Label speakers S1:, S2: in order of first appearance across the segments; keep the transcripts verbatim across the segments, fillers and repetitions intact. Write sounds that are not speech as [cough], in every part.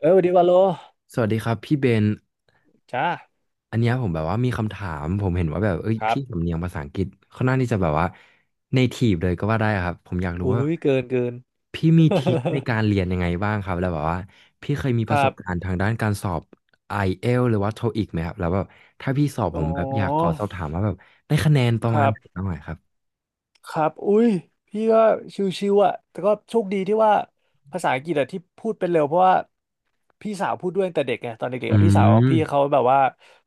S1: เออสวัสดีวาโล
S2: สวัสดีครับพี่เบน
S1: จ้า
S2: อันเนี้ยผมแบบว่ามีคำถามผมเห็นว่าแบบเอ้ย
S1: ครับ
S2: พี่สำเนียงภาษาอังกฤษค่อนข้างที่จะแบบว่าเนทีฟเลยก็ว่าได้ครับผมอยากรู้
S1: อุ้
S2: ว่า
S1: ยเกินเกิน
S2: พี่มีทริคใน
S1: [laughs]
S2: การเรียนยังไงบ้างครับแล้วแบบว่าพี่เคยมี
S1: ค
S2: ประ
S1: รั
S2: สบการณ์
S1: บ
S2: ทางด้านการสอบ ไอ เอล ที เอส หรือว่า โทอิค ไหมครับแล้วแบบถ้าพี่สอบผ
S1: อ๋อ
S2: มแบบอยากขอสอบถามว่าแบบได้คะแนนป
S1: ค
S2: ระมา
S1: รั
S2: ณไหนบ้า
S1: บ
S2: งไหน่ครับ
S1: ครับอุ้ยพี่ก็ชิวๆอ่ะแต่ก็โชคดีที่ว่าภาษาอังกฤษอะที่พูดเป็นเร็วเพราะว่าพี่สาวพูดด้วยตั้งแต่เด็กไงตอนเด็ก
S2: อื
S1: ๆอะพี่สาว
S2: ม
S1: พี่เขาแบบว่า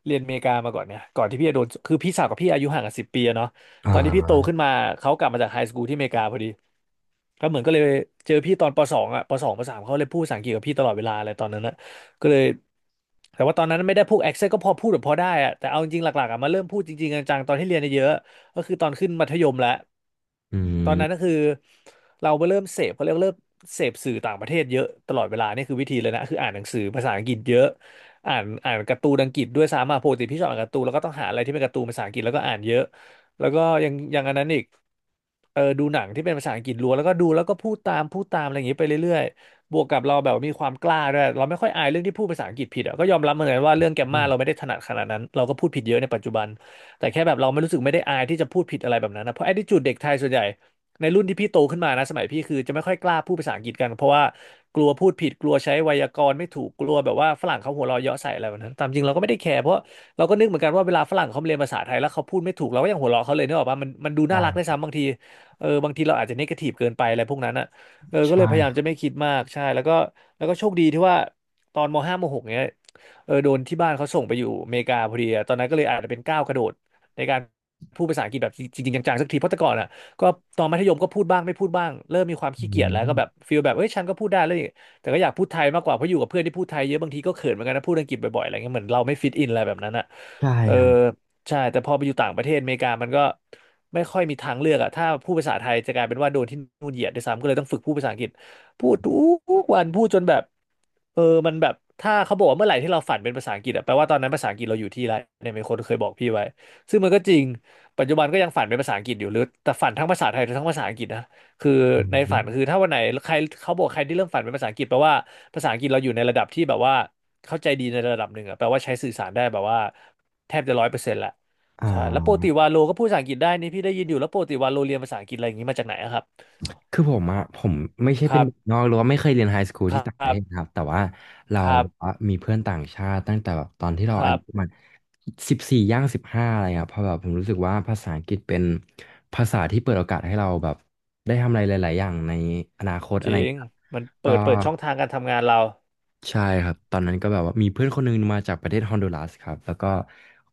S1: เรียนอเมริกามาก่อนเนี่ยก่อนที่พี่จะโดนคือพี่สาวกับพี่อายุห่างกันสิบปีอะเนาะ
S2: อ่
S1: ตอนที่พี่
S2: า
S1: โตขึ้นมาเขากลับมาจากไฮสคูลที่อเมริกาพอดี ก็เหมือนก็เลยเจอพี่ตอนปสองอ่ะปสองปสามเขาเลยพูดภาษาอังกฤษกับพี่ตลอดเวลาอะไรตอนนั้นนะก็เลยแต่ว่าตอนนั้นไม่ได้พูดแอคเซนต์ก็พอพูดแบบพอได้อ่ะแต่เอาจริงๆหลักๆอ่ะมาเริ่มพูดจริงๆจังๆตอนที่เรียนเยอะๆก็คือตอนขึ้นมัธยมแล้ว
S2: อื
S1: ตอ
S2: ม
S1: นนั้นก็คือเราไปเริ่มเสพเขาเรียกว่าเริ่มเสพสื่อต่างประเทศเยอะตลอดเวลานี่คือวิธีเลยนะคืออ่านหนังสือภาษาอังกฤษเยอะอ่านอ่านการ์ตูนอังกฤษด้วยซ้ำอ่ะปกติพี่ชอบอ่านการ์ตูนแล้วก็ต้องหาอะไรที่เป็นการ์ตูนภาษาอังกฤษแล้วก็อ่านเยอะ แล้วก็ยังยังอันนั้นอีกเออดูหนังที่เป็นภาษาอังกฤษล้วนแล้วก็ดูแล้วก็พูดตามพูดตามอะไรอย่างนี้ไปเรื่อยๆบวกกับเราแบบมีความกล้าด้วยเราไม่ค่อยอายเรื่องที่พูดภาษาอังกฤษผิดอ่ะก็ยอมรับเหมือนกันว่าเรื่องแกมมาเราไม่ได้ถนัดขนาดนั้นเราก็พูดผิดเยอะในปัจจุบันแต่แค่แบบเราไม่รู้สึกไม่ได้อายที่จะพูดผิดอะไรแบบนั้นนะเพราะ attitude เด็กไทยส่วนใหญ่ในรุ่นที่พี่โตขึ้นมานะสมัยพี่คือจะไม่ค่อยกล้าพูดภาษาอังกฤษกันเพราะว่ากลัวพูดผิดกลัวใช้ไวยากรณ์ไม่ถูกกลัวแบบว่าฝรั่งเขาหัวเราะเยาะใส่อะไรแบบนั้นตามจริงเราก็ไม่ได้แคร์เพราะ เราก็นึกเหมือนกันว่าเวลาฝรั่งเขาเรียนภาษาไทยแล้วเขาพูดไม่ถูกเราก็ยังหัวเราะเขาเลยนึกออกปะมันมันดูน่ารักได้ว
S2: ใช่
S1: ยซ้ำบางทีเออบางทีเราอาจจะเนกาทีฟเกินไปอะไรพวกนั้นอ่ะเออ
S2: ใช
S1: ก็เลยพยายามจะ
S2: ่
S1: ไม่คิดมากใช่แล้วก็แล้วก็โชคดีที่ว่าตอนมห้ามหกเนี้ยเออโดนที่บ้านเขาส่งไปอยู่อเมริกาพอดีอะตอนนั้นก็เลยอาจจะเป็นก้าวกระโดดในการพูดภาษาอังกฤษแบบจริงๆจังๆสักทีเพราะแต่ก่อนอ่ะก็ตอนมัธยมก็พูดบ้างไม่พูดบ้างเริ่มมีความ
S2: อื
S1: ขี้เกียจแล้วก็แบบ
S2: ม
S1: ฟีลแบบเอ้ยฉันก็พูดได้แล้ว แต่ก็อยากพูดไทยมากกว่าเพราะอยู่กับเพื่อนที่พูดไทยเยอะบางทีก็เขินเหมือนกันนะพูดอังกฤษบ่อยๆอะไรเงี้ยเหมือนเราไม่ฟิตอินอะไรแบบนั้นอ่ะ
S2: ใช่
S1: เออ
S2: ครับ
S1: ใช่แต่พอไปอยู่ต่างประเทศอเมริกามันก็ไม่ค่อยมีทางเลือกอ่ะถ้าพูดภาษาไทยจะกลายเป็นว่าโดนที่นู่นเหยียดด้วยซ้ำก็เลยต้องฝึกพูดภาษาอังกฤษพูดทุกวันพูดจนแบบเออมันแบบถ้าเขาบอกว่าเมื่อไหร่ที่เราฝันเป็นภาษาอังกฤษอะแปลว่าตอนนั้นภาษาอังกฤษเราอยู่ที่ไรเนี่ยมีคนเคยบอกพี่ไว้ซึ่งมันก็จริงปัจจุบันก็ยังฝันเป็นภาษาอังกฤษอยู่หรือแต่ฝันทั้งภาษาไทยทั้งภาษาอังกฤษนะ คือ
S2: อื
S1: ในฝัน
S2: ม
S1: คือถ้าวันไหนใครเขาบอกใครที่เริ่มฝันเป็นภาษาอังกฤษแปลว่าภาษาอังกฤษเราอยู่ในระดับที่แบบว่าเข้าใจดีในระดับหนึ่งอะแปลว่าใช้สื่อสารได้แบบว่าแทบจะร้อยเปอร์เซ็นต์ละ
S2: อ่
S1: ใช่แล้วปกติ
S2: า
S1: วาโลก็พูดภาษาอังกฤษได้นี่พี่ได้ยินอยู่แล้วปกติวาโลเรียนภาษาอังกฤษอะไรอย่างนี้มาจากไหนอะครับ
S2: คือผมอะผมไม่ใช่
S1: ค
S2: เป็น
S1: รั
S2: เด็กน
S1: บ
S2: อกหรือว่าไม่เคยเรียนไฮสคูล
S1: คร
S2: ที่ต่างประ
S1: ั
S2: เทศนะ
S1: บ
S2: ครับแต่ว่าเรา
S1: ครับ
S2: แบบว่ามีเพื่อนต่างชาติตั้งแต่แบบตอนที่
S1: ค
S2: เราอา
S1: รั
S2: ยุประ
S1: บ
S2: มาณสิบสี่ย่างสิบห้าอะไรเงี้ยเพราะแบบผมรู้สึกว่าภาษาอังกฤษเป็นภาษาที่เปิดโอกาสให้เราแบบได้ทำอะไรหลายๆอย่างในอนาคตอะ
S1: จ
S2: ไร
S1: ริง
S2: เงี้ยครับ
S1: มันเปิ
S2: ก็
S1: ดเปิดช่องทางการทำงานเรา
S2: ใช่ครับตอนนั้นก็แบบว่ามีเพื่อนคนหนึงมาจากประเทศฮอนดูรัสครับแล้วก็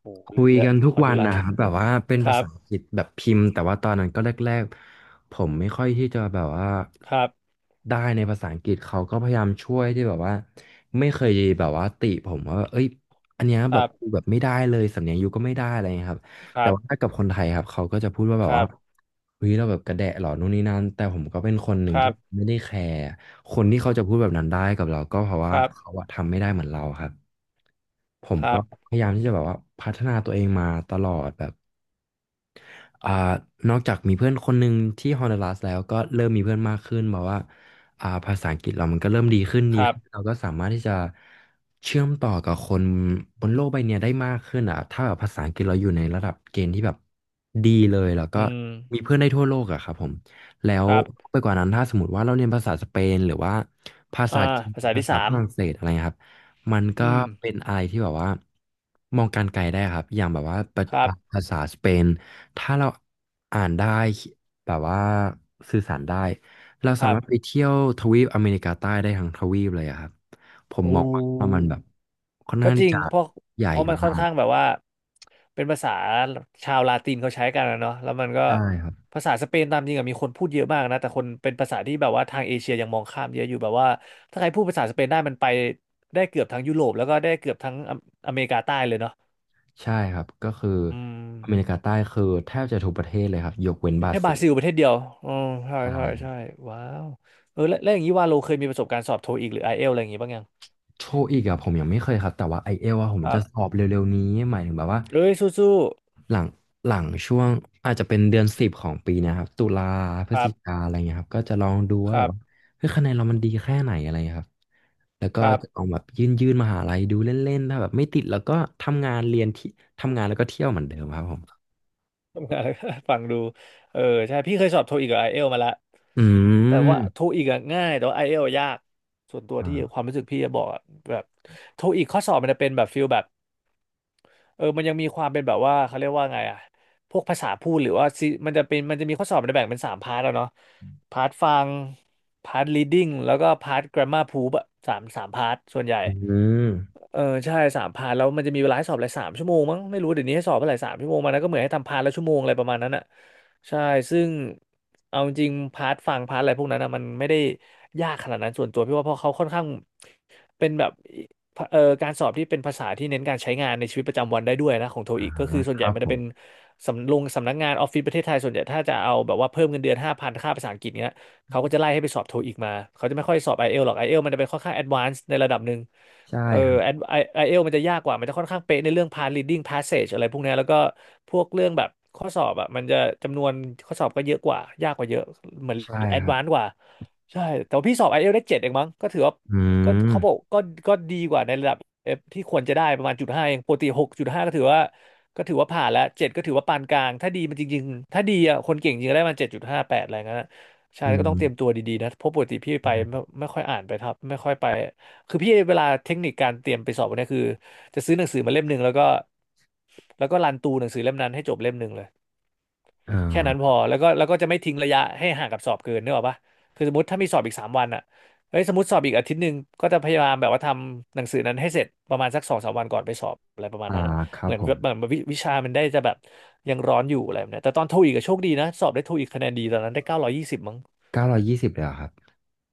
S1: โอ้โห
S2: คุ
S1: ลึก
S2: ย
S1: เลย
S2: กัน
S1: พ
S2: ทุก
S1: อน
S2: วั
S1: ดู
S2: น
S1: รัต
S2: นะครับแบบว่าเป็น
S1: [laughs] ค
S2: ภา
S1: รั
S2: ษา
S1: บ
S2: อังกฤษแบบพิมพ์แต่ว่าตอนนั้นก็แรกๆผมไม่ค่อยที่จะแบบว่า
S1: ครับ
S2: ได้ในภาษาอังกฤษเขาก็พยายามช่วยที่แบบว่าไม่เคยแบบว่าติผมว่าเอ้ยอันเนี้ย
S1: ค
S2: แบ
S1: รั
S2: บกู
S1: บ
S2: แบบไม่ได้เลยสำเนียงยูก็ไม่ได้อะไรเงี้ยครับ
S1: ค
S2: แต่
S1: รั
S2: ว่า
S1: บ
S2: ถ้ากับคนไทยครับเขาก็จะพูดว่าแบบว่าเฮ้ยเราแบบกระแดะหรอนู่นนี่นั่นแต่ผมก็เป็นคนหนึ่
S1: ค
S2: ง
S1: รั
S2: ที่
S1: บ
S2: ไม่ได้แคร์ คนที่เขาจะพูดแบบนั้นได้กับเราก็เพราะ
S1: ค
S2: ว่า
S1: รั
S2: เขา
S1: บ
S2: อะทำไม่ได้เหมือนเราครับผม
S1: ครั
S2: ก็
S1: บครับ
S2: พยายามที่จะแบบว่าพัฒนาตัวเองมาตลอดแบบ อ่านอกจากมีเพื่อนคนหนึ่งที่ฮอนดูรัสแล้วก็เริ่มมีเพื่อนมากขึ้นแบบว่าอ่าภาษาอังกฤษเรามันก็เริ่มดีขึ้น
S1: ค
S2: ดี
S1: รั
S2: ขึ้นเรา
S1: บ
S2: ก็สามารถที่จะเชื่อมต่อกับคนบนโลกใบเนี้ยได้มากขึ้นอ่ะถ้าแบบภาษาอังกฤษเราอยู่ในระดับเกณฑ์ที่แบบดีเลยแล้วก็
S1: อืม
S2: มีเพื่อนได้ทั่วโลกอะครับผมแล้
S1: ค
S2: ว
S1: รับ
S2: ไปกว่านั้นถ้าสมมติว่าเราเรียนภาษาสเปนหรือว่าภาษา
S1: อ่า
S2: จีน
S1: ภาษา
S2: ภา
S1: ที่
S2: ษา
S1: สา
S2: ฝ
S1: ม
S2: รั่งเศสอะไรเงี้ยครับมันก็
S1: อืม
S2: เป็นอะไรที่แบบว่ามองการไกลได้ครับอย่างแบบว่าประ
S1: ครั
S2: อ่ะ
S1: บ
S2: ภาษาสเปน ถ้าเราอ่านได้แบบว่าสื่อสารได้เรา
S1: ค
S2: สา
S1: รับ
S2: มารถไปเที่ยวทวีปอเมริกาใต้ได้ทั้งทวีปเลยอะครับผม
S1: โอ้
S2: มองว่ามันแบบค่อน
S1: ก็
S2: ข้าง
S1: จ
S2: ที่
S1: ริง
S2: จะ
S1: เพราะ
S2: ใหญ่
S1: เพราะมันค่
S2: มา
S1: อน
S2: ก
S1: ข้างแบบว่า เป็นภาษาชาวลาตินเขาใช้กันนะเนาะแล้วมันก็
S2: ใช่ครับ
S1: ภาษาสเปนตามจริงอะมีคนพูดเยอะมากนะ แต่คนเป็นภาษาที่แบบว่าทางเอเชียยังมองข้ามเยอะอยู่แบบว่าถ้าใครพูดภาษาสเปนได้มันไปได้เกือบทั้งยุโรปแล้วก็ได้เกือบทั้งอเมอเมริกาใต้เลยเนาะ
S2: ใช่ครับก็คือ
S1: อืม
S2: อเมริกาใต้คือแทบจะทุกประเทศเลยครับยกเว้น
S1: มี
S2: บรา
S1: แค่บ
S2: ซิ
S1: รา
S2: ล
S1: ซิลประเทศเดียวอ๋อใช่
S2: ใช่
S1: ใช่ใช่ว้าวเออแล้วแล้วอย่างนี้ว่าโลเคยมีประสบการณ์สอบโทอีกหรือไอเอลอะไรอย่างงี้บ้างยัง
S2: โทอีกอะผมยังไม่เคยครับแต่ว่าไอเอลอะผม
S1: ครั
S2: จะสอ
S1: บ
S2: บเร็วๆนี้หมายถึงแบบว่า
S1: เอ้ยสู้
S2: หลังหลังช่วงอาจจะเป็นเดือนสิบของปีเนะครับตุลาพ
S1: ๆ
S2: ฤ
S1: ค
S2: ศ
S1: รับ
S2: จิกาอะไรเงี้ยครับก็จะลองดู
S1: ค
S2: ว่าแบ
S1: รั
S2: บว่า
S1: บ
S2: เฮ้ยคะแนนเรามันดีแค่ไหนอะไรเงี้ยครับแล้วก็
S1: ครับ
S2: จะลองแบบยื่นยื่นมหาลัยดูเล่นๆถ้าแบบไม่ติดแล้วก็ทำงานเรียนที่ทำงานแล้วก็เที่ยวเหมือนเดิมครับผม
S1: [laughs] ทำงานแล้วก็ฟังดูเออใช่พี่เคยสอบโทอีกกับไอเอลมาละ
S2: อื
S1: แต่ว่าโท
S2: ม
S1: อีกง่ายแต่ว่าไอเอลยากส่วนตัวที่
S2: อ่า
S1: ความรู้สึกพี่จะบอกอะแบบโทอีกข้อสอบมันจะเป็นแบบฟิลแบบ เออมันยังมีความเป็นแบบว่าเขาเรียกว่าไงอะพวกภาษาพูดหรือว่าซีมันจะเป็นมันจะมีข้อสอบมันจะแบ่งเป็นสามพาร์ทแล้วเนาะพาร์ทฟังพาร์ท reading แล้วก็พาร์ท grammar proof อะสามสามพาร์ทส่วนใหญ่
S2: อืม
S1: เออ ใช่สามพาร์ทแล้วมันจะมีเวลาให้สอบอะไรสามชั่วโมงมั้งไม่รู้เดี๋ยวนี้ให้สอบเท่าไหร่สามชั่วโมงมันนะก็เหมือนให้ทำพาร์ทละชั่วโมงอะไรประมาณนั้นอะใช่ซึ่งเอาจริงพาร์ทฟังพาร์ทอะไรพวกนั้นอะมันไม่ได้ยากขนาดนั้นส่วนตัวพี่ว่าเพราะเขาค่อนข้างเป็นแบบ เอ่อการสอบที่เป็นภาษาที่เน้นการใช้งานในชีวิตประจำวันได้ด้วยนะของโท
S2: อ่า
S1: อีกก็คือส่วน
S2: ค
S1: ใหญ่
S2: รับ
S1: มัน
S2: ผ
S1: จะ
S2: ม
S1: เป็นสำลงสำนักงานออฟฟิศประเทศไทยส่วนใหญ่ถ้าจะเอาแบบว่าเพิ่มเงินเดือนห้าพันค่าภาษาอังกฤษเนี้ยเขาก็จะไล่ให้ไปสอบโทอีกมาเขาจะไม่ค่อยสอบไอเอลหรอกไอเอลมันจะเป็นค่อนข้างแอดวานซ์ในระดับหนึ่ง
S2: ใช่
S1: เออ
S2: ครับ
S1: ไอไอเอลมันจะยากกว่ามันจะค่อนข้างเป๊ะในเรื่อง past reading passage อะไรพวกเนี้ยแล้วก็พวกเรื่องแบบข้อสอบอ่ะมันจะจำนวนข้อสอบก็เยอะกว่ายากกว่าเยอะเหมือน
S2: ใช่
S1: แอ
S2: ค
S1: ด
S2: รั
S1: วานซ์
S2: บ
S1: กว่าใช่แต่ว่าพี่สอบไอเอลได้เจ็ดเองมั้งก็ถือว่า
S2: อื
S1: ก็
S2: ม
S1: เขาบอกก็ก็ดีกว่าในระดับ F ที่ควรจะได้ประมาณจุดห้าเองปกติหกจุดห้าก็ถือว่าก็ถือว่าผ่านแล้วเจ็ดก็ถือว่าปานกลางถ้าดีมันจริงๆถ้าดีอ่ะคนเก่งจริงก็ได้มันเจ็ดจุดห้าแปดอะไรเงี้ยนะใช่
S2: อื
S1: ก็ต้องเตรียม
S2: ม
S1: ตัวดีๆนะเพราะปกติพี่ไปไม่
S2: ใช่
S1: ไม่ค่อยอ่านไปครับไม่ค่อยไปคือพี่เวลาเทคนิคการเตรียมไปสอบเนี่ยคือจะซื้อหนังสือมาเล่มหนึ่งแล้วก็แล้วก็รันตูหนังสือเล่มนั้นให้จบเล่มหนึ่งเลย
S2: อ๋
S1: แค่นั้นพ
S2: อ
S1: อแล้วก็แล้วก็จะไม่ทิ้งระยะให้ห่างกับสอบเกินนึกออกปะคือสมมติถ้ามีสอบอีกสามวันอ่ะเฮ้ยสมมติสอบอีกอาทิตย์หนึ่งก็จะพยายามแบบว่าทำหนังสือนั้นให้เสร็จประมาณสักสองสามวันก่อนไปสอบอะไรประมาณ
S2: อ่า
S1: นั้นอะ
S2: ครั
S1: เห
S2: บ
S1: มือน
S2: ผ
S1: แบ
S2: ม
S1: บเหมือนวิวิชามันได้จะแบบยังร้อนอยู่อะไรแบบเนี้ยแต่ตอนโทอีกก็โชคดีนะสอบได้โทอีกคะแนนดีตอนนั้นได้เก้าร้อยยี่สิบมั้ง
S2: เก้าร้อยยี่สิบเลยเหรอครับ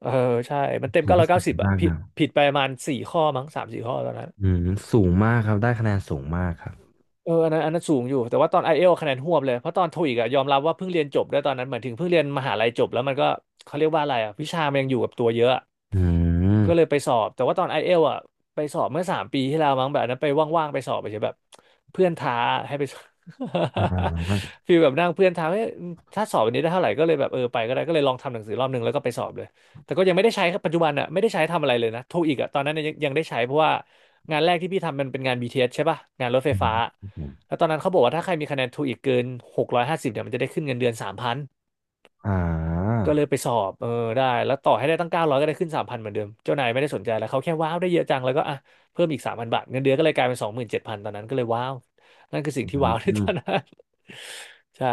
S1: เออใช่มันเต็ม
S2: ถือ
S1: เก้า
S2: ว่า
S1: ร้อย
S2: สู
S1: เก้า
S2: ง
S1: สิบอะ
S2: มาก
S1: ผิด
S2: นะ
S1: ผิดไปประมาณสี่ข้อมั้งสามสี่ข้อตอนนั้น
S2: อืมสูงมากครับได้คะแนนสูงมากครับ
S1: เอออันนั้นอันนั้นสูงอยู่แต่ว่าตอนไอเอลคะแนนหวบเลยเพราะตอนโทอีกอะยอมรับว่าเพิ่งเรียนจบได้วยตอนนั้นเหมือนถึงเพิ่งเรียนมหาลัยจบแล้วมันก็เขาเรียกว่าอะไรอะวิชามันยังอยู่กับตัวเยอะอะ
S2: อืม
S1: ก็เลยไปสอบแต่ว่าตอนไอเอลอะไปสอบเมื่อสามปีที่แล้วมั้งแบบอันนั้นไปว่างๆไปสอบไปเฉยแบบเพื่อนท้าให้ไปสอบ
S2: อ่า
S1: [laughs] ฟีลแบบนั่งเพื่อนท้าให้ยถ้าสอบวันนี้ได้เท่าไหร่ก็เลยแบบเออไปก็ได้ก็เลยลองทำหนังสือรอบหนึ่งแล้วก็ไปสอบเลยแต่ก็ยังไม่ได้ใช้ครับปัจจุบันอะไม่ได้ใช้ทำอะไรเลยนะโทอีกอะตอนนั้นยังยังได้ใช้เพราะว่างานแรกที่พี่ทำมันเป็นงานบีทีเอสใช่ป่ะงานรถไฟ
S2: อืม
S1: ฟ้า
S2: ครับผม
S1: แล้วตอนนั้นเขาบอกว่าถ้าใครมีคะแนนทูอีกเกินหกร้อยห้าสิบเนี่ยมันจะได้ขึ้นเงินเดือนสามพัน
S2: อ่า
S1: ก็เลยไปสอบเออได้แล้วต่อให้ได้ตั้งเก้าร้อยก็ได้ขึ้นสามพันเหมือนเดิมเจ้านายไม่ได้สนใจแล้วเขาแค่ว้าวได้เยอะจังแล้วก็อ่ะเพิ่มอีกสามพันบาทเงินเดือนก็เลยกลายเป็นสองหมื่นเจ็ดพันตอนนั้นก็เลยว้าวนั่นคือสิ่ง
S2: อื
S1: ที่ [laughs] ว้าวในต
S2: ม
S1: อนนั้น [laughs] ใช่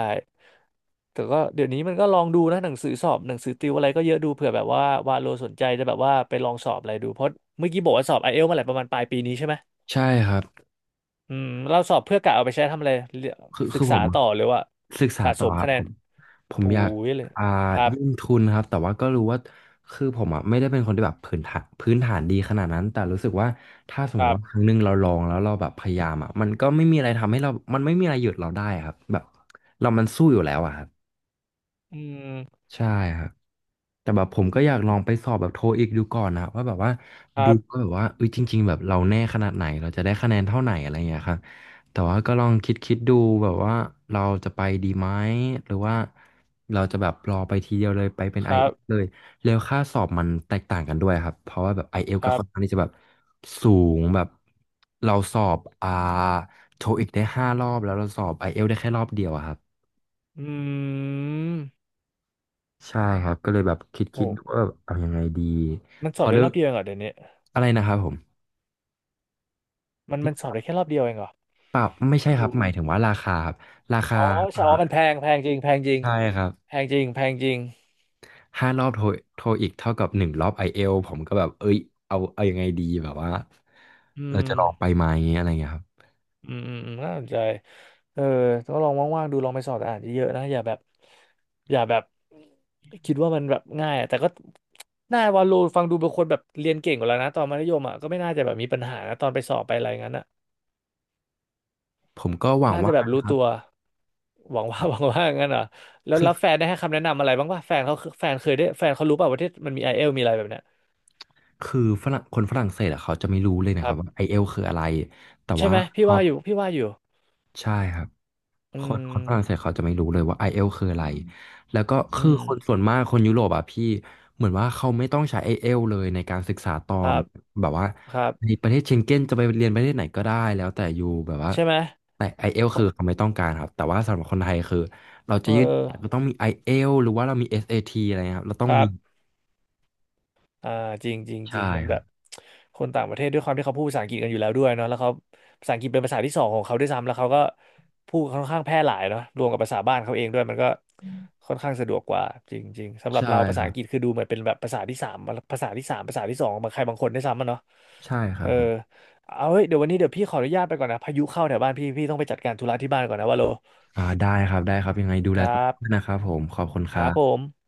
S1: แต่ก็เดี๋ยวนี้มันก็ลองดูนะหนังสือสอบหนังสือติวอะไรก็เยอะดูเผื่อแบบว่าว่าโลสนใจจะแบบว่าไปลองสอบอะไรดูเพราะเมื่อกี้บอกว่าสอบไอเอลมาแหละประมาณปลายปีนี้ใช่ไหม
S2: ใช่ครับ
S1: อืมเราสอบเพื่อกะเอาไปใช้ทำอะไรเรีย
S2: คือ
S1: ศึ
S2: คื
S1: ก
S2: อผ
S1: ษา
S2: มอะ
S1: ต่อหรือว่า
S2: ศึกษา
S1: สะ
S2: ต่
S1: ส
S2: อ
S1: ม
S2: ครั
S1: คะ
S2: บ
S1: แน
S2: ผ
S1: น
S2: มผม
S1: อู้
S2: อยาก
S1: ยเลย
S2: อ่า
S1: ครับ
S2: ยื่นทุนครับแต่ว่าก็รู้ว่าคือผมอ่ะไม่ได้เป็นคนที่แบบพื้นฐานพื้นฐานดีขนาดนั้นแต่รู้สึกว่าถ้าสม
S1: ค
S2: ม
S1: รั
S2: ติว่าค
S1: บ
S2: รั้งหนึ่งเราลองแล้วเราแบบพยายามอ่ะมันก็ไม่มีอะไรทำให้เรามันไม่มีอะไรหยุดเราได้ครับแบบเรามันสู้อยู่แล้วอ่ะครับ
S1: อืม
S2: ใช่ครับแต่แบบผมก็อยากลองไปสอบแบบโทอีกดูก่อนนะว่าแบบว่า
S1: ครั
S2: ดูก็
S1: บ
S2: แบบว่าเอ้ยจริงๆแบบเราแน่ขนาดไหนเราจะได้คะแนนเท่าไหนอะไรอย่างเงี้ยครับแต่ว่าก็ลองคิดคิดดูแบบว่าเราจะไปดีไหมหรือว่าเราจะแบบรอไปทีเดียวเลยไปเป็น
S1: ค
S2: i อ
S1: รั
S2: เอ
S1: บ
S2: ลเลยแล้วค่าสอบมันแตกต่างกันด้วยครับเพราะว่าแบบ i อเอล
S1: ค
S2: กับ
S1: รั
S2: คอนข้าง
S1: บ
S2: ที่จะแบบสูงแบบเราสอบอ่าโทอีกได้ห้ารอบแล้วเราสอบ i อเอลได้แค่รอบเดียวอะครับ
S1: อืม
S2: ใช่ครับก็เลยแบบคิดคิดดูว่า
S1: โห
S2: เอายังไงดี
S1: มัน
S2: พ
S1: ส
S2: อ
S1: อบได้
S2: เริ่
S1: ร
S2: ม
S1: อบเดียวเองเหรอเดี๋ยวนี้
S2: อะไรนะครับผม
S1: มันมันสอบได้แค่รอบเดียวเองเหรอ
S2: เปล่าไม่
S1: เพิ่
S2: ใช่
S1: ง
S2: ครับ
S1: รู้
S2: หมายถึงว่าราคาครับ
S1: อ๋อใช่อ๋อ
S2: อ่า
S1: มันแพงแพงจริงแพงจริง
S2: ใช่ครับ
S1: แพงจริงแพงจริง
S2: ห้ารอบโทรโทรอีกเท่ากับหนึ่งรอบไอเอลผมก็แบบเอ้ยเอาเอายังไงดีแบบว่า
S1: อื
S2: เรา
S1: ม
S2: จะลองไปไหมอะไรเงี้ยครับ
S1: อืมอืมอืมน่าสนใจเออก็ลองว่างๆดูลองไปสอบอ่านเยอะๆนะอย่าแบบอย่าแบบคิดว่ามันแบบง่ายอะแต่ก็น่าวาโลฟังดูเป็นคนแบบเรียนเก่งกว่าแล้วนะตอนมัธยมอ่ะก็ไม่น่าจะแบบมีปัญหานะตอนไปสอบไปอะไรงั้นอ่ะ
S2: ผมก็หวัง
S1: น่าจะ
S2: ว่า
S1: แบบ
S2: นะ
S1: รู้
S2: ครับ
S1: ตัวหวังว่า [laughs] หวังว่างั้นเหรอแล้ว
S2: คือ
S1: แล้วแฟนได้ให้คำแนะนำอะไรบ้างป่ะแฟนเขาแฟนเคยได้แฟนเขารู้ป่ะว่าที่มันมีไอเอลมีอะไรแบบเนี้ย
S2: คือฝรั่งคนฝรั่งเศสอะเขาจะไม่รู้เลย
S1: ค
S2: นะค
S1: รั
S2: รับว่า
S1: บ
S2: ไอเอลคืออะไรแต่
S1: ใช่
S2: ว่า
S1: ไหม
S2: พ
S1: พี่
S2: อ
S1: ว่าอยู่พี่ว่าอยู่
S2: ใช่ครับ ค
S1: อื
S2: นคนฝรั่งเศส
S1: ม
S2: เขาจะไม่รู้เลยว่า i e l อลคืออะไรแล้วก็
S1: อื
S2: คือ
S1: ม
S2: คนส่วนมากคนยุโรปอ่ะพี่เหมือนว่าเขาไม่ต้องใช้ i e l อลเลยในการศึกษาต่อ
S1: ครับ
S2: แบบว่า
S1: ครั
S2: ใน
S1: บ
S2: ประเทศเชงเก้นจะไปเรียนประเทศไหนก็ได้แล้วแต่อยู่แบบว่า
S1: ใช่ไหม
S2: แต่ i e l อล
S1: ขอ
S2: คือเขาไม่ต้องการครับแต่ว่าสำหรับคนไทยคือเรา
S1: เอ
S2: จะยื่นก็
S1: อ
S2: ต้องมี i e l อลหรือว่าเรามี เอส เอ ที อสเอทีอะไรเงี้ยครับเราต้
S1: ค
S2: อง
S1: รั
S2: มี
S1: บ อ่าจริงจริงจริง
S2: ใช่
S1: มัน
S2: ค
S1: แบ
S2: รั
S1: บ
S2: บ
S1: คนต่างประเทศด้วยความที่เขาพูดภาษาอังกฤษกันอยู่แล้วด้วยเนาะแล้วเขาภาษาอังกฤษเป็นภาษาที่สองของเขาด้วยซ้ำแล้วเขาก็พูดค่อนข้างแพร่หลายเนาะรวมกับภาษาบ้านเขาเองด้วยมันก็ค่อนข้างสะดวกกว่าจริงจริงสำหรับ
S2: ใช่
S1: เราภา
S2: ค
S1: ษา
S2: รั
S1: อั
S2: บ
S1: งกฤษคือดูเหมือนเป็นแบบภาษาที่สามภาษาที่สามภาษาที่สองของใครบางคนด้วยซ้ำอะเนาะ
S2: ใช่ค
S1: เอ
S2: รับ
S1: อ
S2: ผม
S1: เอาเฮ้ยเดี๋ยววันนี้เดี๋ยวพี่ขออนุญาตไปก่อนนะพายุเข้าแถวบ้านพี่พี่ต้องไปจัดการธุระที่บ้านก่อนนะว่าโล
S2: อ่าได้ครับได้ครับยังไงดู
S1: ค
S2: แล
S1: รั
S2: ตัวเองด้วย
S1: บ
S2: นะครับผมขอบคุณ
S1: ค
S2: ครั
S1: รับผ
S2: บ
S1: ม